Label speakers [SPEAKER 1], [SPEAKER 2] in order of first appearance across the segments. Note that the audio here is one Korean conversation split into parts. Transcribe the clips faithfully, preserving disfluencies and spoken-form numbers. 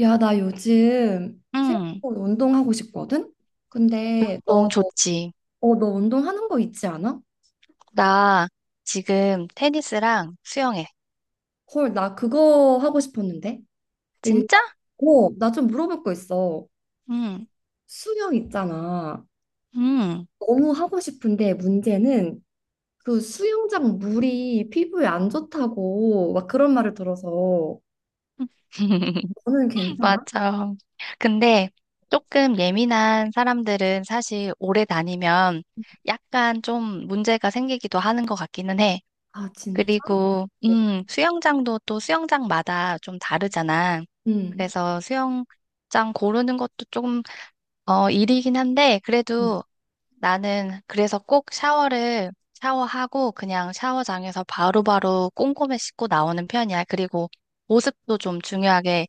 [SPEAKER 1] 야, 나 요즘 새로
[SPEAKER 2] 응,
[SPEAKER 1] 운동하고 싶거든? 근데 너,
[SPEAKER 2] 운동 좋지.
[SPEAKER 1] 어, 너 운동하는 거 있지 않아?
[SPEAKER 2] 나 지금 테니스랑 수영해.
[SPEAKER 1] 헐, 나 그거 하고 싶었는데.
[SPEAKER 2] 진짜?
[SPEAKER 1] 일단, 어, 나 좀 물어볼 거 있어.
[SPEAKER 2] 응,
[SPEAKER 1] 수영 있잖아.
[SPEAKER 2] 응,
[SPEAKER 1] 너무 하고 싶은데 문제는 그 수영장 물이 피부에 안 좋다고 막 그런 말을 들어서 너는 괜찮아?
[SPEAKER 2] 맞아. 근데 조금 예민한 사람들은 사실 오래 다니면 약간 좀 문제가 생기기도 하는 것 같기는 해.
[SPEAKER 1] 아, 진짜?
[SPEAKER 2] 그리고, 음, 수영장도 또 수영장마다 좀 다르잖아.
[SPEAKER 1] 응.
[SPEAKER 2] 그래서 수영장 고르는 것도 조금, 어, 일이긴 한데,
[SPEAKER 1] 응.
[SPEAKER 2] 그래도 나는 그래서 꼭 샤워를 샤워하고 그냥 샤워장에서 바로바로 꼼꼼히 씻고 나오는 편이야. 그리고 보습도 좀 중요하게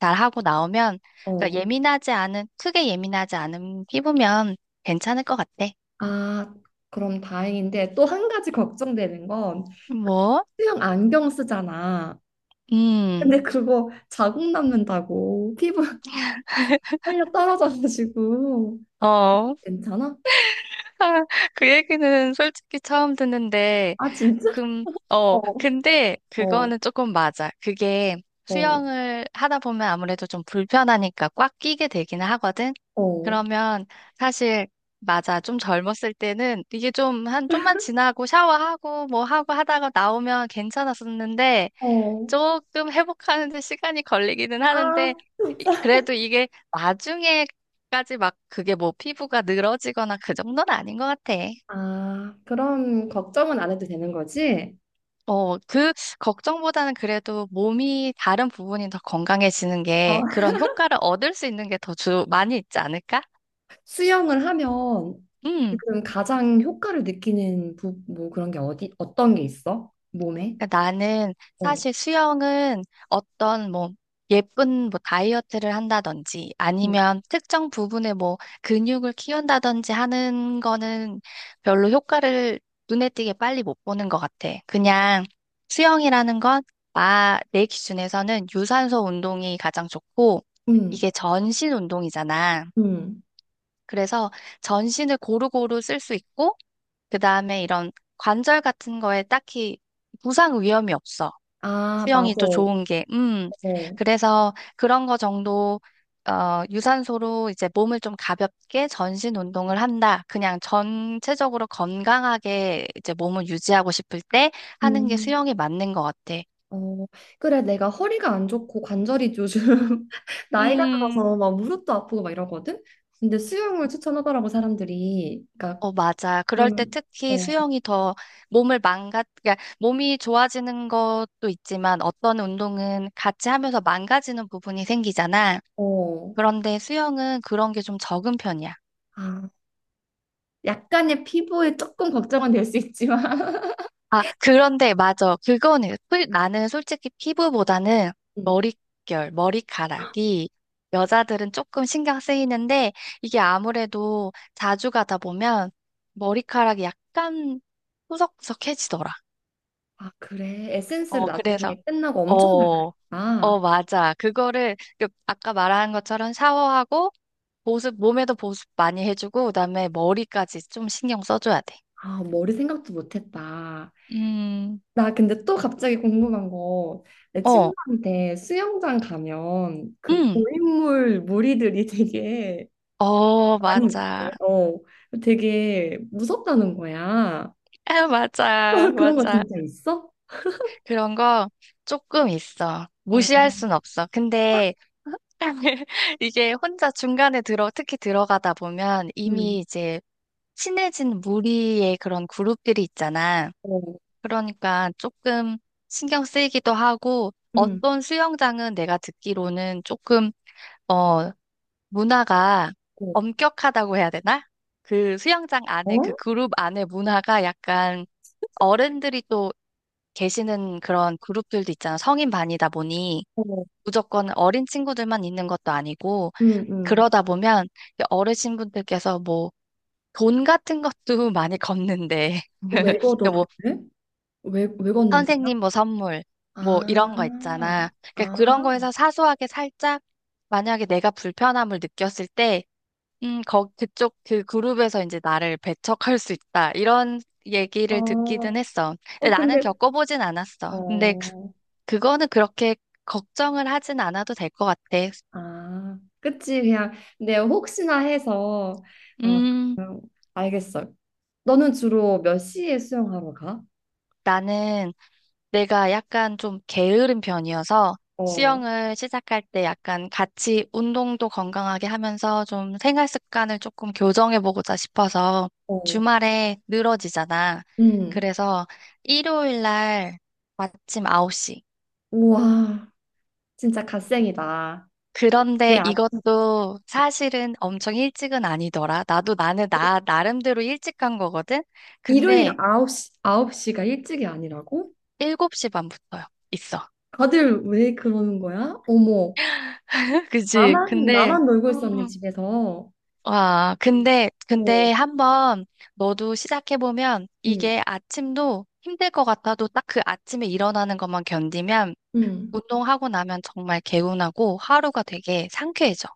[SPEAKER 2] 잘 하고 나오면 그러니까
[SPEAKER 1] 어.
[SPEAKER 2] 예민하지 않은 크게 예민하지 않은 피부면 괜찮을 것 같아.
[SPEAKER 1] 아, 그럼 다행인데 또 한 가지 걱정되는 건
[SPEAKER 2] 뭐?
[SPEAKER 1] 수영 안경 쓰잖아.
[SPEAKER 2] 음.
[SPEAKER 1] 근데 그거 자국 남는다고 피부 활려 떨어져가지고
[SPEAKER 2] 어.
[SPEAKER 1] 괜찮아?
[SPEAKER 2] 그 얘기는 솔직히 처음 듣는데
[SPEAKER 1] 아, 진짜?
[SPEAKER 2] 금,
[SPEAKER 1] 어,
[SPEAKER 2] 어, 근데
[SPEAKER 1] 어,
[SPEAKER 2] 그거는 조금 맞아. 그게
[SPEAKER 1] 어,
[SPEAKER 2] 수영을 하다 보면 아무래도 좀 불편하니까 꽉 끼게 되기는 하거든.
[SPEAKER 1] 어,
[SPEAKER 2] 그러면 사실 맞아. 좀 젊었을 때는 이게 좀 한 좀만 지나고 샤워하고 뭐 하고 하다가 나오면 괜찮았었는데
[SPEAKER 1] 어.
[SPEAKER 2] 조금 회복하는데 시간이 걸리기는
[SPEAKER 1] 아,
[SPEAKER 2] 하는데 이-
[SPEAKER 1] 진짜?
[SPEAKER 2] 그래도 이게 나중에까지 막 그게 뭐 피부가 늘어지거나 그 정도는 아닌 것 같아.
[SPEAKER 1] 아, 그럼 걱정은 안 해도 되는 거지?
[SPEAKER 2] 어, 그 걱정보다는 그래도 몸이 다른 부분이 더 건강해지는
[SPEAKER 1] 어,
[SPEAKER 2] 게 그런 효과를 얻을 수 있는 게 더 주 많이 있지 않을까?
[SPEAKER 1] 수영을 하면
[SPEAKER 2] 음.
[SPEAKER 1] 지금 가장 효과를 느끼는 부, 뭐 그런 게 어디 어떤 게 있어? 몸에?
[SPEAKER 2] 그러니까 나는
[SPEAKER 1] 어,
[SPEAKER 2] 사실 수영은 어떤 뭐 예쁜 뭐 다이어트를 한다든지
[SPEAKER 1] 음,
[SPEAKER 2] 아니면 특정 부분에 뭐 근육을 키운다든지 하는 거는 별로 효과를 눈에 띄게 빨리 못 보는 것 같아. 그냥 수영이라는 건 나, 내 기준에서는 유산소 운동이 가장 좋고
[SPEAKER 1] 음,
[SPEAKER 2] 이게 전신 운동이잖아.
[SPEAKER 1] 음.
[SPEAKER 2] 그래서 전신을 고루고루 쓸 수 있고 그다음에 이런 관절 같은 거에 딱히 부상 위험이 없어.
[SPEAKER 1] 아, 맞아.
[SPEAKER 2] 수영이 또 좋은 게, 음.
[SPEAKER 1] 어,
[SPEAKER 2] 그래서 그런 거 정도, 어, 유산소로 이제 몸을 좀 가볍게 전신 운동을 한다. 그냥 전체적으로 건강하게 이제 몸을 유지하고 싶을 때 하는 게
[SPEAKER 1] 음.
[SPEAKER 2] 수영이 맞는 것 같아.
[SPEAKER 1] 어, 그래, 내가 허리가 안 좋고 관절이 요즘 나이가
[SPEAKER 2] 음.
[SPEAKER 1] 들어서 막 무릎도 아프고 막 이러거든? 근데 수영을 추천하더라고, 사람들이. 그러니까,
[SPEAKER 2] 어, 맞아. 그럴 때
[SPEAKER 1] 그러면,
[SPEAKER 2] 특히
[SPEAKER 1] 어,
[SPEAKER 2] 수영이 더 몸을 망가, 그러니까 몸이 좋아지는 것도 있지만 어떤 운동은 같이 하면서 망가지는 부분이 생기잖아.
[SPEAKER 1] 어.
[SPEAKER 2] 그런데 수영은 그런 게 좀 적은 편이야.
[SPEAKER 1] 아, 약간의 피부에 조금 걱정은 될 수 있지만.
[SPEAKER 2] 아, 그런데 맞아. 그거는 솔- 나는 솔직히 피부보다는
[SPEAKER 1] 음.
[SPEAKER 2] 머릿결, 머리카락이 여자들은 조금 신경 쓰이는데 이게 아무래도 자주 가다 보면 머리카락이 약간 푸석푸석해지더라.
[SPEAKER 1] 아, 그래. 에센스를
[SPEAKER 2] 어,
[SPEAKER 1] 나중에
[SPEAKER 2] 그래서
[SPEAKER 1] 끝나고 엄청
[SPEAKER 2] 어, 어,
[SPEAKER 1] 발라야겠다.
[SPEAKER 2] 맞아. 그거를 그 아까 말한 것처럼 샤워하고 보습 몸에도 보습 많이 해주고 그다음에 머리까지 좀 신경 써줘야 돼.
[SPEAKER 1] 아, 머리 생각도 못했다.
[SPEAKER 2] 음,
[SPEAKER 1] 나 근데 또 갑자기 궁금한 거. 내
[SPEAKER 2] 어,
[SPEAKER 1] 친구한테 수영장 가면 그
[SPEAKER 2] 음,
[SPEAKER 1] 고인물 무리들이 되게
[SPEAKER 2] 어,
[SPEAKER 1] 많이 있대.
[SPEAKER 2] 맞아.
[SPEAKER 1] 어, 되게 무섭다는 거야.
[SPEAKER 2] 아, 맞아,
[SPEAKER 1] 그런 거
[SPEAKER 2] 맞아.
[SPEAKER 1] 진짜 있어?
[SPEAKER 2] 그런 거 조금 있어.
[SPEAKER 1] 아,
[SPEAKER 2] 무시할 순 없어. 근데 이게 혼자 중간에 들어, 특히 들어가다 보면
[SPEAKER 1] 음,
[SPEAKER 2] 이미 이제 친해진 무리의 그런 그룹들이 있잖아.
[SPEAKER 1] 어,
[SPEAKER 2] 그러니까 조금 신경 쓰이기도 하고
[SPEAKER 1] 음,
[SPEAKER 2] 어떤 수영장은 내가 듣기로는 조금, 어, 문화가
[SPEAKER 1] 어,
[SPEAKER 2] 엄격하다고 해야 되나? 그 수영장 안에, 그
[SPEAKER 1] 어,
[SPEAKER 2] 그룹 안에 문화가 약간 어른들이 또 계시는 그런 그룹들도 있잖아. 성인 반이다 보니
[SPEAKER 1] 어,
[SPEAKER 2] 무조건 어린 친구들만 있는 것도 아니고
[SPEAKER 1] 음, 음.
[SPEAKER 2] 그러다 보면 어르신분들께서 뭐 돈 같은 것도 많이 걷는데
[SPEAKER 1] 왜 걷어
[SPEAKER 2] 뭐
[SPEAKER 1] 돈을? 왜, 왜 걷는 거야?
[SPEAKER 2] 선생님 뭐 선물 뭐 이런 거
[SPEAKER 1] 아,
[SPEAKER 2] 있잖아. 그러니까
[SPEAKER 1] 아,
[SPEAKER 2] 그런 거에서 사소하게 살짝 만약에 내가 불편함을 느꼈을 때 음, 거, 그쪽 그 그룹에서 이제 나를 배척할 수 있다. 이런 얘기를 듣기는
[SPEAKER 1] 어,
[SPEAKER 2] 했어. 근데
[SPEAKER 1] 어,
[SPEAKER 2] 나는
[SPEAKER 1] 근데,
[SPEAKER 2] 겪어보진 않았어. 근데
[SPEAKER 1] 어,
[SPEAKER 2] 그거는 그렇게 걱정을 하진 않아도 될 것 같아.
[SPEAKER 1] 아, 그치, 그냥, 근데 혹시나 해서, 어,
[SPEAKER 2] 음,
[SPEAKER 1] 그냥 알겠어. 너는 주로 몇 시에 수영하러 가?
[SPEAKER 2] 나는 내가 약간 좀 게으른 편이어서
[SPEAKER 1] 어,
[SPEAKER 2] 수영을 시작할 때 약간 같이 운동도 건강하게 하면서 좀 생활 습관을 조금 교정해보고자 싶어서
[SPEAKER 1] 어,
[SPEAKER 2] 주말에 늘어지잖아.
[SPEAKER 1] 음,
[SPEAKER 2] 그래서 일요일 날 아침 아홉 시.
[SPEAKER 1] 우와. 진짜 갓생이다. 왜
[SPEAKER 2] 그런데
[SPEAKER 1] 아침
[SPEAKER 2] 이것도 사실은 엄청 일찍은 아니더라. 나도 나는 나, 나름대로 일찍 간 거거든?
[SPEAKER 1] 일요일
[SPEAKER 2] 근데
[SPEAKER 1] 아홉 시 아홉 시가 일찍이 아니라고?
[SPEAKER 2] 일곱 시 반부터요. 있어.
[SPEAKER 1] 다들 왜 그러는 거야? 어머,
[SPEAKER 2] 그치?
[SPEAKER 1] 나만,
[SPEAKER 2] 근데,
[SPEAKER 1] 나만 놀고 있었네,
[SPEAKER 2] 음,
[SPEAKER 1] 집에서.
[SPEAKER 2] 와, 근데,
[SPEAKER 1] 어,
[SPEAKER 2] 근데 한번 너도 시작해보면
[SPEAKER 1] 응,
[SPEAKER 2] 이게 아침도 힘들 것 같아도 딱 그 아침에 일어나는 것만 견디면
[SPEAKER 1] 응.
[SPEAKER 2] 운동하고 나면 정말 개운하고 하루가 되게 상쾌해져.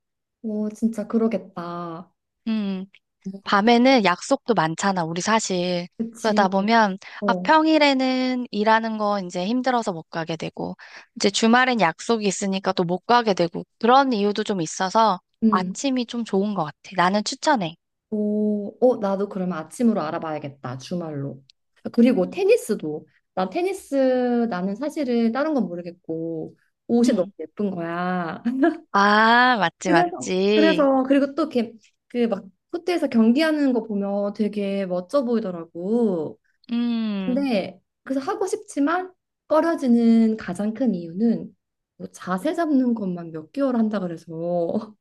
[SPEAKER 1] 어, 진짜 그러겠다.
[SPEAKER 2] 음.
[SPEAKER 1] 어,
[SPEAKER 2] 밤에는 약속도 많잖아, 우리 사실. 그러다
[SPEAKER 1] 그치.
[SPEAKER 2] 보면, 아,
[SPEAKER 1] 어,
[SPEAKER 2] 평일에는 일하는 거 이제 힘들어서 못 가게 되고, 이제 주말엔 약속이 있으니까 또 못 가게 되고, 그런 이유도 좀 있어서
[SPEAKER 1] 응.
[SPEAKER 2] 아침이 좀 좋은 것 같아. 나는 추천해.
[SPEAKER 1] 오, 어, 나도 그러면 아침으로 알아봐야겠다, 주말로. 그리고
[SPEAKER 2] 음.
[SPEAKER 1] 테니스도. 나 테니스, 나는 사실은 다른 건 모르겠고, 옷이 너무
[SPEAKER 2] 음.
[SPEAKER 1] 예쁜 거야.
[SPEAKER 2] 아, 맞지,
[SPEAKER 1] 그래서
[SPEAKER 2] 맞지.
[SPEAKER 1] 그래서 그리고 또 이렇게 그 막 코트에서 경기하는 거 보면 되게 멋져 보이더라고.
[SPEAKER 2] 음,
[SPEAKER 1] 근데 그래서 하고 싶지만 꺼려지는 가장 큰 이유는 뭐 자세 잡는 것만 몇 개월 한다 그래서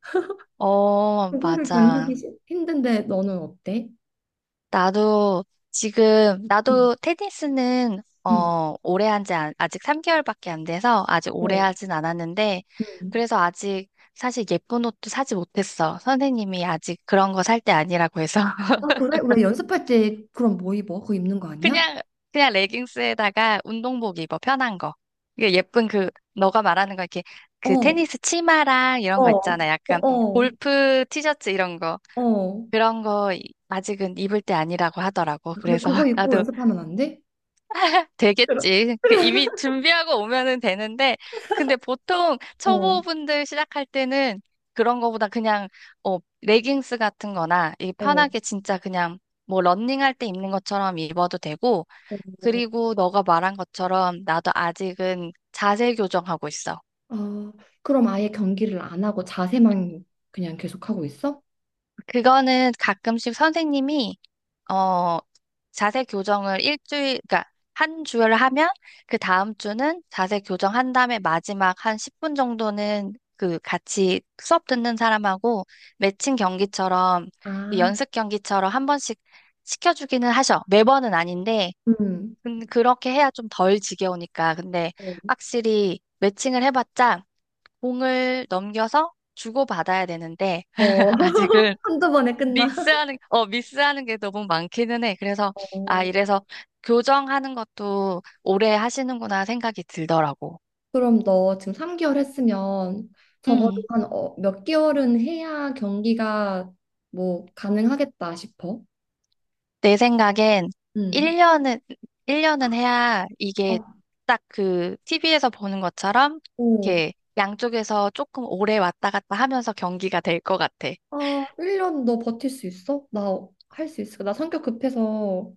[SPEAKER 2] 어,
[SPEAKER 1] 그거를 견디기
[SPEAKER 2] 맞아.
[SPEAKER 1] 싫- 힘든데 너는 어때?
[SPEAKER 2] 나도 지금,
[SPEAKER 1] 응,
[SPEAKER 2] 나도 테니스는,
[SPEAKER 1] 응,
[SPEAKER 2] 어, 오래 한지 아직 삼 개월밖에 안 돼서 아직 오래
[SPEAKER 1] 어,
[SPEAKER 2] 하진 않았는데,
[SPEAKER 1] 응.
[SPEAKER 2] 그래서 아직 사실 예쁜 옷도 사지 못했어. 선생님이 아직 그런 거 살 때 아니라고 해서.
[SPEAKER 1] 아, 그래? 왜 연습할 때 그럼 뭐 입어? 그거 입는 거 아니야?
[SPEAKER 2] 그냥, 그냥 레깅스에다가 운동복 입어, 편한 거. 이게 예쁜 그, 너가 말하는 거 이렇게
[SPEAKER 1] 어,
[SPEAKER 2] 그
[SPEAKER 1] 어,
[SPEAKER 2] 테니스 치마랑 이런 거 있잖아.
[SPEAKER 1] 어,
[SPEAKER 2] 약간
[SPEAKER 1] 어,
[SPEAKER 2] 골프 티셔츠 이런 거.
[SPEAKER 1] 어.
[SPEAKER 2] 그런 거 아직은 입을 때 아니라고 하더라고.
[SPEAKER 1] 그래,
[SPEAKER 2] 그래서
[SPEAKER 1] 그거 입고
[SPEAKER 2] 나도
[SPEAKER 1] 연습하면 안 돼? 그럼.
[SPEAKER 2] 되겠지. 그 이미 준비하고 오면은 되는데, 근데 보통
[SPEAKER 1] 어,
[SPEAKER 2] 초보분들 시작할 때는 그런 거보다 그냥, 어, 레깅스 같은 거나, 이
[SPEAKER 1] 어.
[SPEAKER 2] 편하게 진짜 그냥, 뭐, 러닝할 때 입는 것처럼 입어도 되고, 그리고 너가 말한 것처럼 나도 아직은 자세 교정하고 있어.
[SPEAKER 1] 아, 그럼 아예 경기를 안 하고 자세만 그냥 계속 하고 있어?
[SPEAKER 2] 그거는 가끔씩 선생님이 어, 자세 교정을 일주일, 그러니까 한 주를 하면 그 다음 주는 자세 교정한 다음에 마지막 한 십 분 정도는 그 같이 수업 듣는 사람하고 매칭 경기처럼 이
[SPEAKER 1] 아,
[SPEAKER 2] 연습 경기처럼 한 번씩 시켜주기는 하셔. 매번은 아닌데,
[SPEAKER 1] 음.
[SPEAKER 2] 근- 그렇게 해야 좀 덜 지겨우니까. 근데
[SPEAKER 1] 어,
[SPEAKER 2] 확실히 매칭을 해봤자 공을 넘겨서 주고받아야 되는데,
[SPEAKER 1] 어.
[SPEAKER 2] 아직은
[SPEAKER 1] 한두 번에 끝나.
[SPEAKER 2] 미스하는, 어, 미스하는 게 너무 많기는 해. 그래서, 아,
[SPEAKER 1] 어.
[SPEAKER 2] 이래서 교정하는 것도 오래 하시는구나 생각이 들더라고.
[SPEAKER 1] 그럼 너 지금 삼 개월 했으면 적어도
[SPEAKER 2] 음,
[SPEAKER 1] 한 어, 몇 개월은 해야 경기가 뭐 가능하겠다 싶어.
[SPEAKER 2] 내 생각엔
[SPEAKER 1] 음.
[SPEAKER 2] 일 년은, 일 년은 해야 이게
[SPEAKER 1] 어,
[SPEAKER 2] 딱 그 티비에서 보는 것처럼
[SPEAKER 1] 오.
[SPEAKER 2] 이렇게 양쪽에서 조금 오래 왔다 갔다 하면서 경기가 될 것 같아.
[SPEAKER 1] 아, 일 년 너 버틸 수 있어? 나 할 수 있어. 나 성격 급해서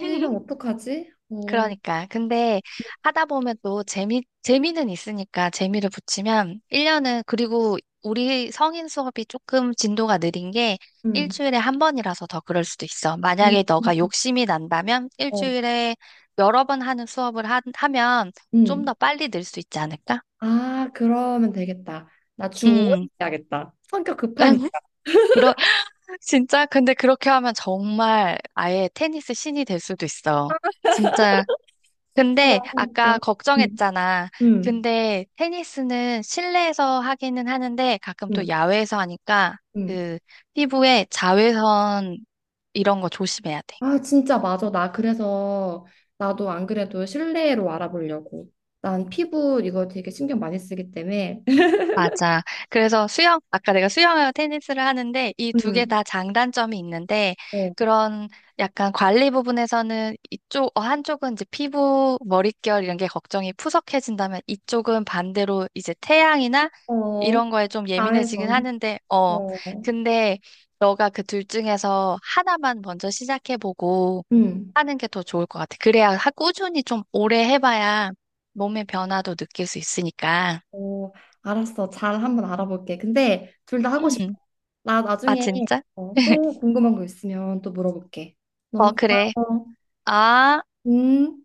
[SPEAKER 1] 일 년 어떡하지? 어.
[SPEAKER 2] 그러니까. 근데 하다 보면 또 재미, 재미는 있으니까 재미를 붙이면 일 년은, 그리고 우리 성인 수업이 조금 진도가 느린 게
[SPEAKER 1] 음.
[SPEAKER 2] 일주일에 한 번이라서 더 그럴 수도 있어.
[SPEAKER 1] 음,
[SPEAKER 2] 만약에 너가 욕심이 난다면
[SPEAKER 1] 어.
[SPEAKER 2] 일주일에 여러 번 하는 수업을 하, 하면 좀
[SPEAKER 1] 음.
[SPEAKER 2] 더 빨리 늘 수 있지 않을까?
[SPEAKER 1] 아, 그러면 되겠다. 나 주 오 일
[SPEAKER 2] 음.
[SPEAKER 1] 해야겠다. 성격 급하니까.
[SPEAKER 2] 그러, 진짜? 근데 그렇게 하면 정말 아예 테니스 신이 될 수도 있어. 진짜
[SPEAKER 1] 아,
[SPEAKER 2] 근데
[SPEAKER 1] 너무 웃겨.
[SPEAKER 2] 아까
[SPEAKER 1] 응,
[SPEAKER 2] 걱정했잖아.
[SPEAKER 1] 응,
[SPEAKER 2] 근데 테니스는 실내에서 하기는 하는데 가끔 또
[SPEAKER 1] 응,
[SPEAKER 2] 야외에서 하니까
[SPEAKER 1] 응.
[SPEAKER 2] 그 피부에 자외선 이런 거 조심해야 돼.
[SPEAKER 1] 아, 진짜 맞아. 나 그래서 나도 안 그래도 실내로 알아보려고. 난 피부 이거 되게 신경 많이 쓰기 때문에.
[SPEAKER 2] 맞아. 그래서 수영, 아까 내가 수영하고 테니스를 하는데 이 두 개
[SPEAKER 1] 응,
[SPEAKER 2] 다 장단점이 있는데
[SPEAKER 1] 어,
[SPEAKER 2] 그런 약간 관리 부분에서는 이쪽, 어, 한쪽은 이제 피부, 머릿결 이런 게 걱정이 푸석해진다면 이쪽은 반대로 이제 태양이나
[SPEAKER 1] 어,
[SPEAKER 2] 이런 거에 좀 예민해지긴
[SPEAKER 1] 자외선.
[SPEAKER 2] 하는데, 어,
[SPEAKER 1] 어,
[SPEAKER 2] 근데 너가 그 둘 중에서 하나만 먼저 시작해보고
[SPEAKER 1] 응,
[SPEAKER 2] 하는 게 더 좋을 것 같아. 그래야 하- 꾸준히 좀 오래 해봐야 몸의 변화도 느낄 수 있으니까.
[SPEAKER 1] 어, 알았어. 잘 한번 알아볼게. 근데 둘 다 하고 싶어.
[SPEAKER 2] 음.
[SPEAKER 1] 나
[SPEAKER 2] 아,
[SPEAKER 1] 나중에
[SPEAKER 2] 진짜?
[SPEAKER 1] 어, 또 궁금한 거 있으면 또 물어볼게.
[SPEAKER 2] 어,
[SPEAKER 1] 너무
[SPEAKER 2] 그래.
[SPEAKER 1] 고마워.
[SPEAKER 2] 아,
[SPEAKER 1] 음.